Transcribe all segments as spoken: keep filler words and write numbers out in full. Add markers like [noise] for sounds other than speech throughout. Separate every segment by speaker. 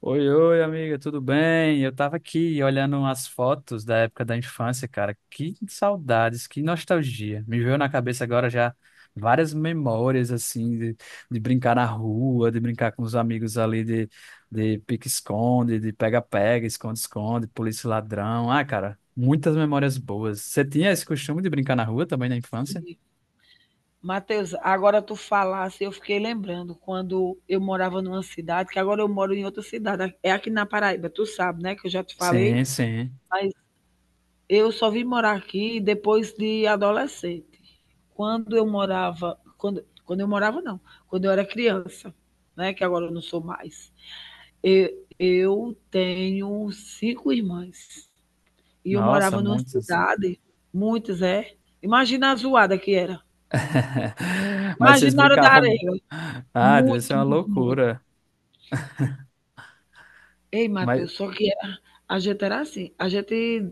Speaker 1: Oi, oi, amiga, tudo bem? Eu tava aqui olhando umas fotos da época da infância, cara. Que saudades, que nostalgia. Me veio na cabeça agora já várias memórias, assim, de, de brincar na rua, de brincar com os amigos ali, de, de pique-esconde, de pega-pega, esconde-esconde, polícia e ladrão. Ah, cara, muitas memórias boas. Você tinha esse costume de brincar na rua também na infância?
Speaker 2: Matheus, agora tu falasse, eu fiquei lembrando quando eu morava numa cidade, que agora eu moro em outra cidade, é aqui na Paraíba, tu sabe, né, que eu já te
Speaker 1: Sim,
Speaker 2: falei,
Speaker 1: sim.
Speaker 2: mas eu só vim morar aqui depois de adolescente. Quando eu morava, quando, quando eu morava não, quando eu era criança, né, que agora eu não sou mais. Eu, eu tenho cinco irmãs e eu
Speaker 1: Nossa,
Speaker 2: morava numa
Speaker 1: muitas.
Speaker 2: cidade, muitas é. Imagina a zoada que era.
Speaker 1: [laughs] Mas vocês
Speaker 2: Imagina a hora da
Speaker 1: brincavam.
Speaker 2: areia,
Speaker 1: Ah, deve ser
Speaker 2: muito,
Speaker 1: uma
Speaker 2: muito, muito.
Speaker 1: loucura.
Speaker 2: Ei,
Speaker 1: Mas,
Speaker 2: Matheus, só que a, a gente era assim, a gente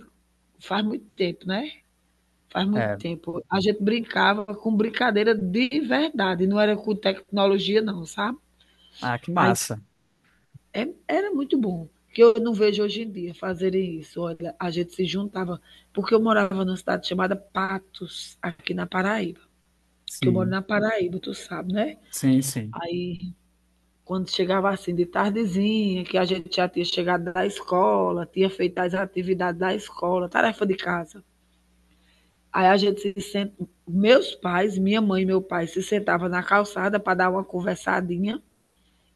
Speaker 2: faz muito tempo, né? Faz muito
Speaker 1: é.
Speaker 2: tempo. A gente brincava com brincadeira de verdade, não era com tecnologia, não, sabe?
Speaker 1: Ah, que
Speaker 2: Aí
Speaker 1: massa.
Speaker 2: é- era muito bom, que eu não vejo hoje em dia fazerem isso. Olha, a gente se juntava, porque eu morava numa cidade chamada Patos, aqui na Paraíba. Que eu moro
Speaker 1: Sim,
Speaker 2: na Paraíba, tu sabe, né?
Speaker 1: sim, sim.
Speaker 2: Aí quando chegava assim de tardezinha, que a gente já tinha chegado da escola, tinha feito as atividades da escola, tarefa de casa. Aí a gente se senta, meus pais, minha mãe e meu pai se sentavam na calçada para dar uma conversadinha,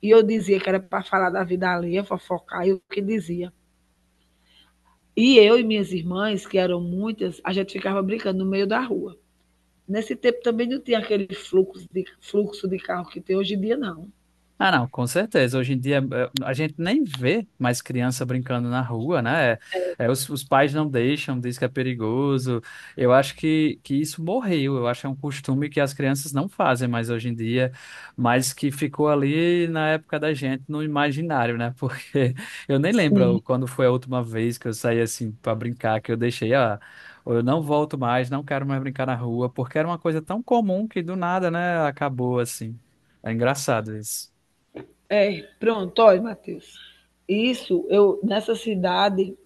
Speaker 2: e eu dizia que era para falar da vida alheia, fofocar, e o que dizia. E eu e minhas irmãs, que eram muitas, a gente ficava brincando no meio da rua. Nesse tempo também não tinha aquele fluxo de, fluxo de carro que tem hoje em dia, não.
Speaker 1: Ah, não, com certeza. Hoje em dia eh, a gente nem vê mais criança brincando na rua, né? É, os, os pais não deixam, diz que é perigoso. Eu acho que, que isso morreu. Eu acho que é um costume que as crianças não fazem mais hoje em dia, mas que ficou ali na época da gente, no imaginário, né? Porque [laughs] eu nem lembro
Speaker 2: Sim.
Speaker 1: quando foi a última vez que eu saí assim para brincar, que eu deixei, ah, eu não volto mais, não quero mais brincar na rua, porque era uma coisa tão comum que do nada, né, acabou assim. É engraçado isso.
Speaker 2: É, pronto, olha, Matheus. Isso, eu nessa cidade,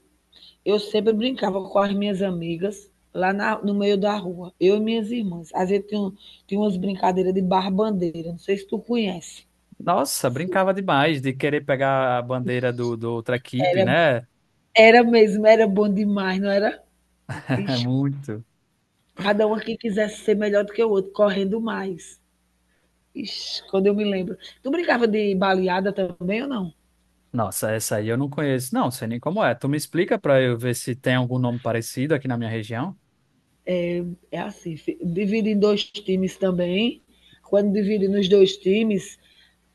Speaker 2: eu sempre brincava com as minhas amigas lá na- no meio da rua, eu e minhas irmãs. Às vezes tinha, um- tinha umas brincadeiras de barra-bandeira, não sei se tu conhece.
Speaker 1: Nossa, brincava demais de querer pegar a bandeira do, do outra equipe,
Speaker 2: Era,
Speaker 1: né?
Speaker 2: era mesmo, era bom demais, não era?
Speaker 1: [laughs]
Speaker 2: Ixi,
Speaker 1: Muito.
Speaker 2: cada um que quisesse ser melhor do que o outro, correndo mais. Ixi, quando eu me lembro. Tu brincava de baleada também ou não?
Speaker 1: Nossa, essa aí eu não conheço. Não, sei nem como é. Tu me explica pra eu ver se tem algum nome parecido aqui na minha região?
Speaker 2: É assim, fi- divide em dois times também. Quando divide nos dois times,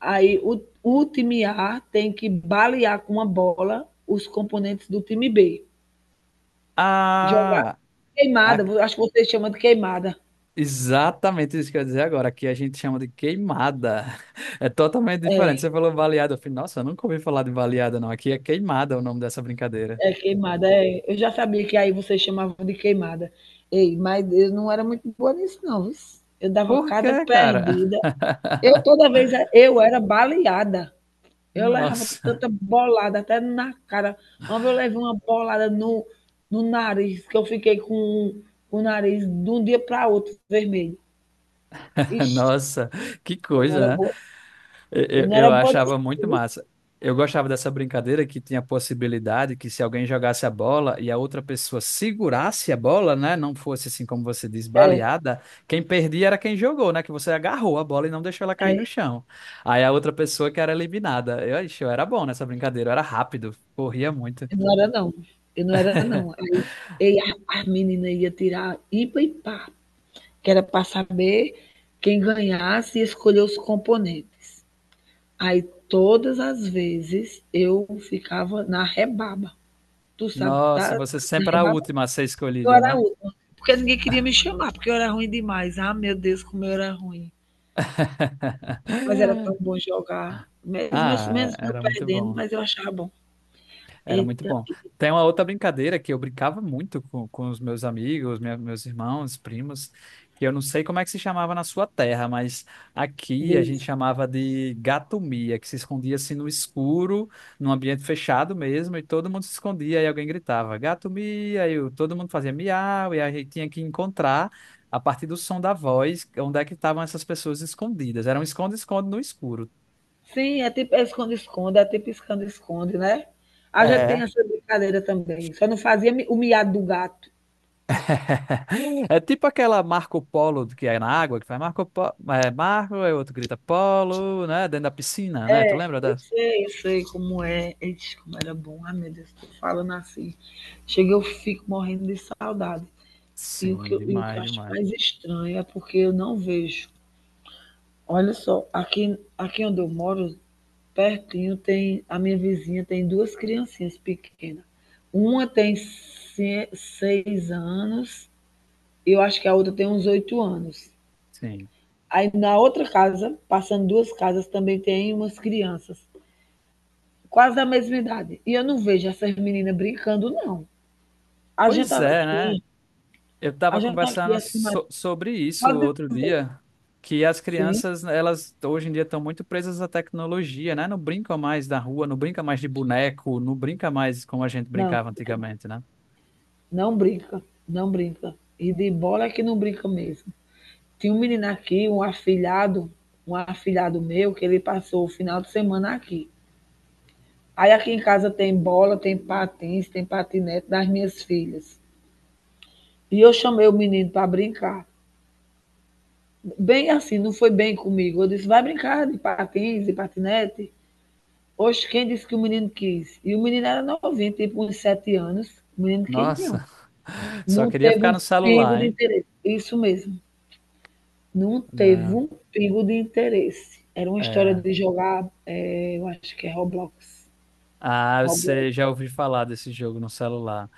Speaker 2: aí o, o time A tem que balear com uma bola os componentes do time B. Jogar
Speaker 1: Ah, a-
Speaker 2: queimada, acho que vocês chamam de queimada.
Speaker 1: exatamente isso que eu ia dizer agora. Aqui a gente chama de queimada. [laughs] É totalmente diferente. Você
Speaker 2: É,
Speaker 1: falou baleada. Eu falei, nossa, eu nunca ouvi falar de baleada, não. Aqui é queimada o nome dessa brincadeira.
Speaker 2: é queimada. É. Eu já sabia que aí vocês chamavam de queimada. Ei, mas eu não era muito boa nisso, não. Eu dava
Speaker 1: Por
Speaker 2: cada
Speaker 1: quê, cara?
Speaker 2: perdida. Eu
Speaker 1: [laughs]
Speaker 2: toda vez eu era baleada. Eu levava
Speaker 1: Nossa,
Speaker 2: tanta bolada até na cara. Uma vez eu levei uma bolada no, no nariz, que eu fiquei com o nariz de um dia para outro vermelho.
Speaker 1: [laughs]
Speaker 2: Ixi,
Speaker 1: nossa, que
Speaker 2: eu não era
Speaker 1: coisa, né?
Speaker 2: boa,
Speaker 1: Eu,
Speaker 2: eu
Speaker 1: eu
Speaker 2: não
Speaker 1: eu
Speaker 2: era boa nisso
Speaker 1: achava
Speaker 2: não,
Speaker 1: muito
Speaker 2: viu.
Speaker 1: massa. Eu gostava dessa brincadeira que tinha a possibilidade que se alguém jogasse a bola e a outra pessoa segurasse a bola, né, não fosse assim como você diz, baleada, quem perdia era quem jogou, né, que você agarrou a bola e não deixou ela cair no chão. Aí a outra pessoa que era eliminada. Eu, ixi, eu era bom nessa brincadeira, eu era rápido, corria muito.
Speaker 2: Eu não era não, eu não era não. Aí ei a as menina ia tirar ipa e par, que era para saber quem ganhasse e escolher os componentes. Aí todas as vezes eu ficava na rebaba. Tu sabe
Speaker 1: Nossa,
Speaker 2: tá
Speaker 1: você
Speaker 2: na
Speaker 1: sempre era a
Speaker 2: rebaba?
Speaker 1: última a ser
Speaker 2: Eu
Speaker 1: escolhida,
Speaker 2: era a
Speaker 1: né?
Speaker 2: última, porque ninguém queria me chamar, porque eu era ruim demais. Ah, meu Deus, como eu era ruim. Mas era tão
Speaker 1: [laughs]
Speaker 2: bom jogar, mesmo eu
Speaker 1: Ah,
Speaker 2: mesmo eu
Speaker 1: era muito
Speaker 2: perdendo,
Speaker 1: bom.
Speaker 2: mas eu achava bom.
Speaker 1: Era muito
Speaker 2: Eita,
Speaker 1: bom. Tem uma outra brincadeira que eu brincava muito com, com os meus amigos, minha- meus irmãos, primos, que eu não sei como é que se chamava na sua terra, mas aqui a gente
Speaker 2: Deus.
Speaker 1: chamava de gatomia, que se escondia assim no escuro, num ambiente fechado mesmo, e todo mundo se escondia e alguém gritava gatomia, e o- todo mundo fazia miau, e a gente tinha que encontrar a partir do som da voz onde é que estavam essas pessoas escondidas. Era um esconde-esconde no escuro.
Speaker 2: Sim, é tipo é esconde-esconde, é tipo esconde-esconde, né? A gente tem
Speaker 1: É.
Speaker 2: essa brincadeira também, só não fazia mi o miado do gato.
Speaker 1: [laughs] É tipo aquela Marco Polo que é na água, que faz Marco Polo, é Marco, aí o outro grita Polo, né? Dentro da piscina, né? Tu lembra
Speaker 2: Eu
Speaker 1: dessa?
Speaker 2: sei, eu sei como é. Ixi, como era bom. Ai, meu Deus, tô falando assim. Chega, eu fico morrendo de saudade. E o
Speaker 1: Sim,
Speaker 2: que eu e o que
Speaker 1: demais,
Speaker 2: eu acho
Speaker 1: demais.
Speaker 2: mais estranho é porque eu não vejo. Olha só, aqui aqui onde eu moro, pertinho, tem a minha vizinha tem duas criancinhas pequenas. Uma tem se seis anos, eu acho que a outra tem uns oito anos.
Speaker 1: Sim.
Speaker 2: Aí na outra casa, passando duas casas, também tem umas crianças, quase da mesma idade. E eu não vejo essas meninas brincando, não. A gente
Speaker 1: Pois
Speaker 2: tá
Speaker 1: é, né?
Speaker 2: aqui,
Speaker 1: Eu tava
Speaker 2: a gente tá aqui
Speaker 1: conversando
Speaker 2: acima.
Speaker 1: so- sobre isso
Speaker 2: Pode
Speaker 1: outro
Speaker 2: dizer.
Speaker 1: dia, que as
Speaker 2: Sim,
Speaker 1: crianças, elas hoje em dia estão muito presas à tecnologia, né? Não brincam mais da rua, não brinca mais de boneco, não brinca mais como a gente
Speaker 2: não,
Speaker 1: brincava
Speaker 2: brinca não.
Speaker 1: antigamente, né?
Speaker 2: Não brinca, não brinca. E de bola é que não brinca mesmo. Tinha um menino aqui, um afilhado, um afilhado meu, que ele passou o final de semana aqui. Aí aqui em casa tem bola, tem patins, tem patinete das minhas filhas. E eu chamei o menino para brincar. Bem assim, não foi bem comigo. Eu disse, vai brincar de patins e patinete. Hoje, quem disse que o menino quis? E o menino era novinho, tipo uns sete anos. O menino quis, não.
Speaker 1: Nossa, [laughs] só
Speaker 2: Não
Speaker 1: queria
Speaker 2: teve
Speaker 1: ficar
Speaker 2: um
Speaker 1: no
Speaker 2: pingo
Speaker 1: celular,
Speaker 2: de
Speaker 1: hein?
Speaker 2: interesse. Isso mesmo. Não teve
Speaker 1: Não.
Speaker 2: um pingo de interesse. Era uma história
Speaker 1: É.
Speaker 2: de jogar, eh, eu acho que é Roblox.
Speaker 1: Ah,
Speaker 2: Roblox.
Speaker 1: você já ouviu falar desse jogo no celular.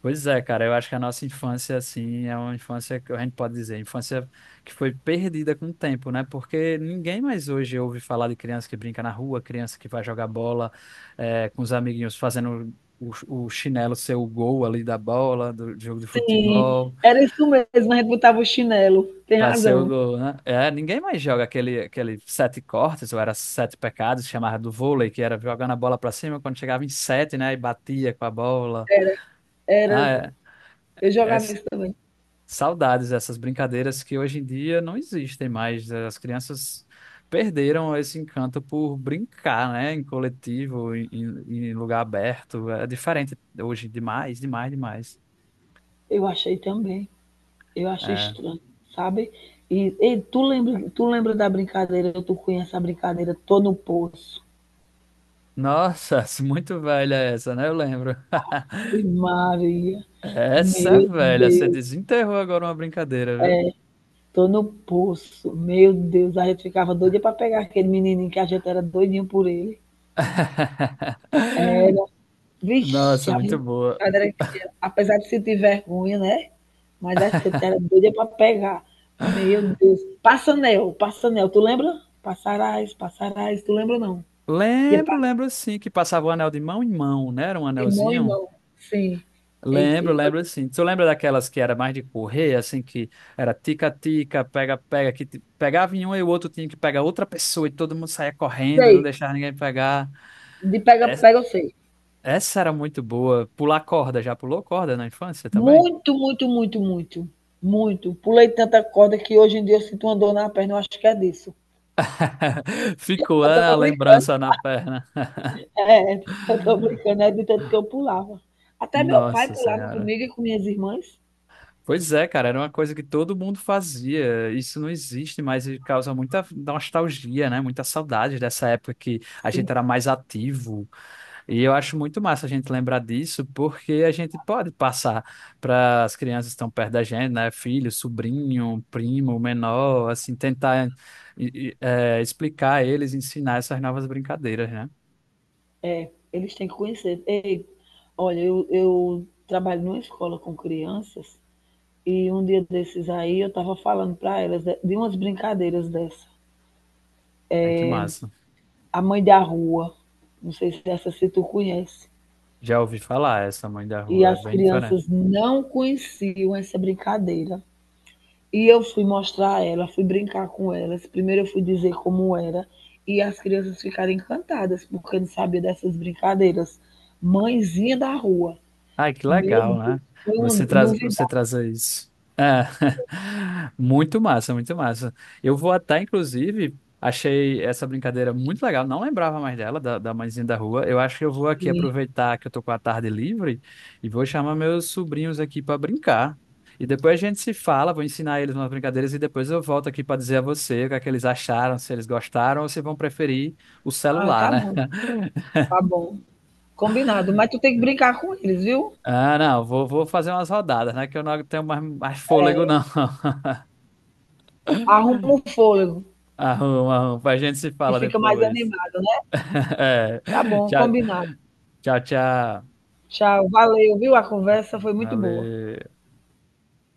Speaker 1: Pois é, cara, eu acho que a nossa infância, assim, é uma infância que a gente pode dizer, infância que foi perdida com o tempo, né? Porque ninguém mais hoje ouve falar de criança que brinca na rua, criança que vai jogar bola, eh, com os amiguinhos fazendo o, o chinelo ser o gol ali da bola, do jogo de
Speaker 2: Sim,
Speaker 1: futebol,
Speaker 2: era isso mesmo. A gente botava o chinelo. Tem
Speaker 1: pra ser o
Speaker 2: razão.
Speaker 1: gol, né? É, ninguém mais joga aquele, aquele sete cortes, ou era sete pecados, chamava do vôlei, que era jogando a bola pra cima, quando chegava em sete, né? E batia com a bola. Ah,
Speaker 2: Era.
Speaker 1: é,
Speaker 2: Eu
Speaker 1: é
Speaker 2: jogava
Speaker 1: s-
Speaker 2: isso também.
Speaker 1: saudades essas brincadeiras que hoje em dia não existem mais. As crianças perderam esse encanto por brincar, né, em coletivo, em, em- em lugar aberto. É diferente hoje demais, demais, demais.
Speaker 2: Eu achei também. Eu acho
Speaker 1: É.
Speaker 2: estranho, sabe? E, e tu, lembra, tu lembra da brincadeira? Tu conhece a brincadeira? Tô no poço.
Speaker 1: Nossa, [laughs] muito velha essa, né? Eu lembro.
Speaker 2: E
Speaker 1: [laughs]
Speaker 2: Maria,
Speaker 1: Essa é
Speaker 2: meu
Speaker 1: velha, você
Speaker 2: Deus,
Speaker 1: desenterrou agora uma brincadeira, viu?
Speaker 2: tô no poço. Meu Deus, a gente ficava doida para pegar aquele menininho que a gente era doidinho por ele.
Speaker 1: [laughs]
Speaker 2: Vixe,
Speaker 1: Nossa,
Speaker 2: a
Speaker 1: muito boa.
Speaker 2: brincadeira que era. Apesar de sentir vergonha, né? Mas a gente era doida para pegar. Meu Deus. Passanel, Passanel, tu lembra? Passarás, passarás, tu lembra não? Que
Speaker 1: Lembro, lembro sim, que passava o anel de mão em mão, né? Era um
Speaker 2: De mão em
Speaker 1: anelzinho.
Speaker 2: mão. Sim. Eita,
Speaker 1: Lembro, lembro sim. Tu lembra daquelas que era mais de correr, assim, que era tica-tica, pega-pega, que te- pegava em um e o outro tinha que pegar outra pessoa e todo mundo saía correndo, não
Speaker 2: sei.
Speaker 1: deixava ninguém pegar.
Speaker 2: De
Speaker 1: Es-
Speaker 2: pega-pega eu sei.
Speaker 1: Essa era muito boa. Pular corda, já pulou corda na infância também?
Speaker 2: Muito, muito, muito, muito. Muito. Pulei tanta corda que hoje em dia eu sinto uma dor na perna, eu acho que é disso.
Speaker 1: [laughs] Ficou
Speaker 2: Eu
Speaker 1: ah, a
Speaker 2: tô brincando. [laughs]
Speaker 1: lembrança na perna.
Speaker 2: É, eu tô brincando, é de tanto que eu pulava. Até meu pai
Speaker 1: Nossa
Speaker 2: pulava
Speaker 1: Senhora.
Speaker 2: comigo e com minhas irmãs.
Speaker 1: Pois é, cara, era uma coisa que todo mundo fazia. Isso não existe mais e causa muita nostalgia, né? Muita saudade dessa época que a
Speaker 2: Sim,
Speaker 1: gente era mais ativo. E eu acho muito massa a gente lembrar disso, porque a gente pode passar para as crianças que estão perto da gente, né? Filho, sobrinho, primo, menor, assim, tentar e- e, eh, explicar a eles, ensinar essas novas brincadeiras, né?
Speaker 2: eles têm que conhecer. Ei, olha, eu, eu trabalho numa escola com crianças e um dia desses aí eu estava falando para elas de de umas brincadeiras dessa.
Speaker 1: Aí que massa.
Speaker 2: A Mãe da Rua. Não sei se essa se tu conhece.
Speaker 1: Já ouvi falar essa mãe da
Speaker 2: E
Speaker 1: rua, é
Speaker 2: as
Speaker 1: bem diferente.
Speaker 2: crianças não conheciam essa brincadeira. E eu fui mostrar a ela, fui brincar com elas. Primeiro eu fui dizer como era. E as crianças ficaram encantadas, porque não sabia dessas brincadeiras. Mãezinha da rua.
Speaker 1: Ai, que
Speaker 2: Meu
Speaker 1: legal, né?
Speaker 2: Deus, foi uma
Speaker 1: Você traz, você
Speaker 2: novidade.
Speaker 1: trazer isso. É. [laughs] Muito massa, muito massa. Eu vou até, inclusive, achei essa brincadeira muito legal. Não lembrava mais dela, da, da Mãezinha da Rua. Eu acho que eu vou aqui
Speaker 2: Sim.
Speaker 1: aproveitar que eu tô com a tarde livre e vou chamar meus sobrinhos aqui para brincar. E depois a gente se fala, vou ensinar eles umas brincadeiras e depois eu volto aqui para dizer a você o que é que eles acharam, se eles gostaram ou se vão preferir o
Speaker 2: Ah,
Speaker 1: celular,
Speaker 2: tá
Speaker 1: né?
Speaker 2: bom,
Speaker 1: [laughs]
Speaker 2: tá bom. Combinado. Mas tu tem que brincar com eles, viu?
Speaker 1: Ah, não, vou, vou fazer umas rodadas, né? Que eu não tenho mais, mais fôlego,
Speaker 2: É,
Speaker 1: não. [laughs]
Speaker 2: arruma um fôlego,
Speaker 1: Arruma, arruma, a gente se
Speaker 2: que
Speaker 1: fala
Speaker 2: fica mais
Speaker 1: depois.
Speaker 2: animado, né?
Speaker 1: [laughs] É.
Speaker 2: Tá bom,
Speaker 1: Tchau,
Speaker 2: combinado.
Speaker 1: tchau, tchau.
Speaker 2: Tchau, valeu, viu? A conversa foi muito boa.
Speaker 1: Valeu.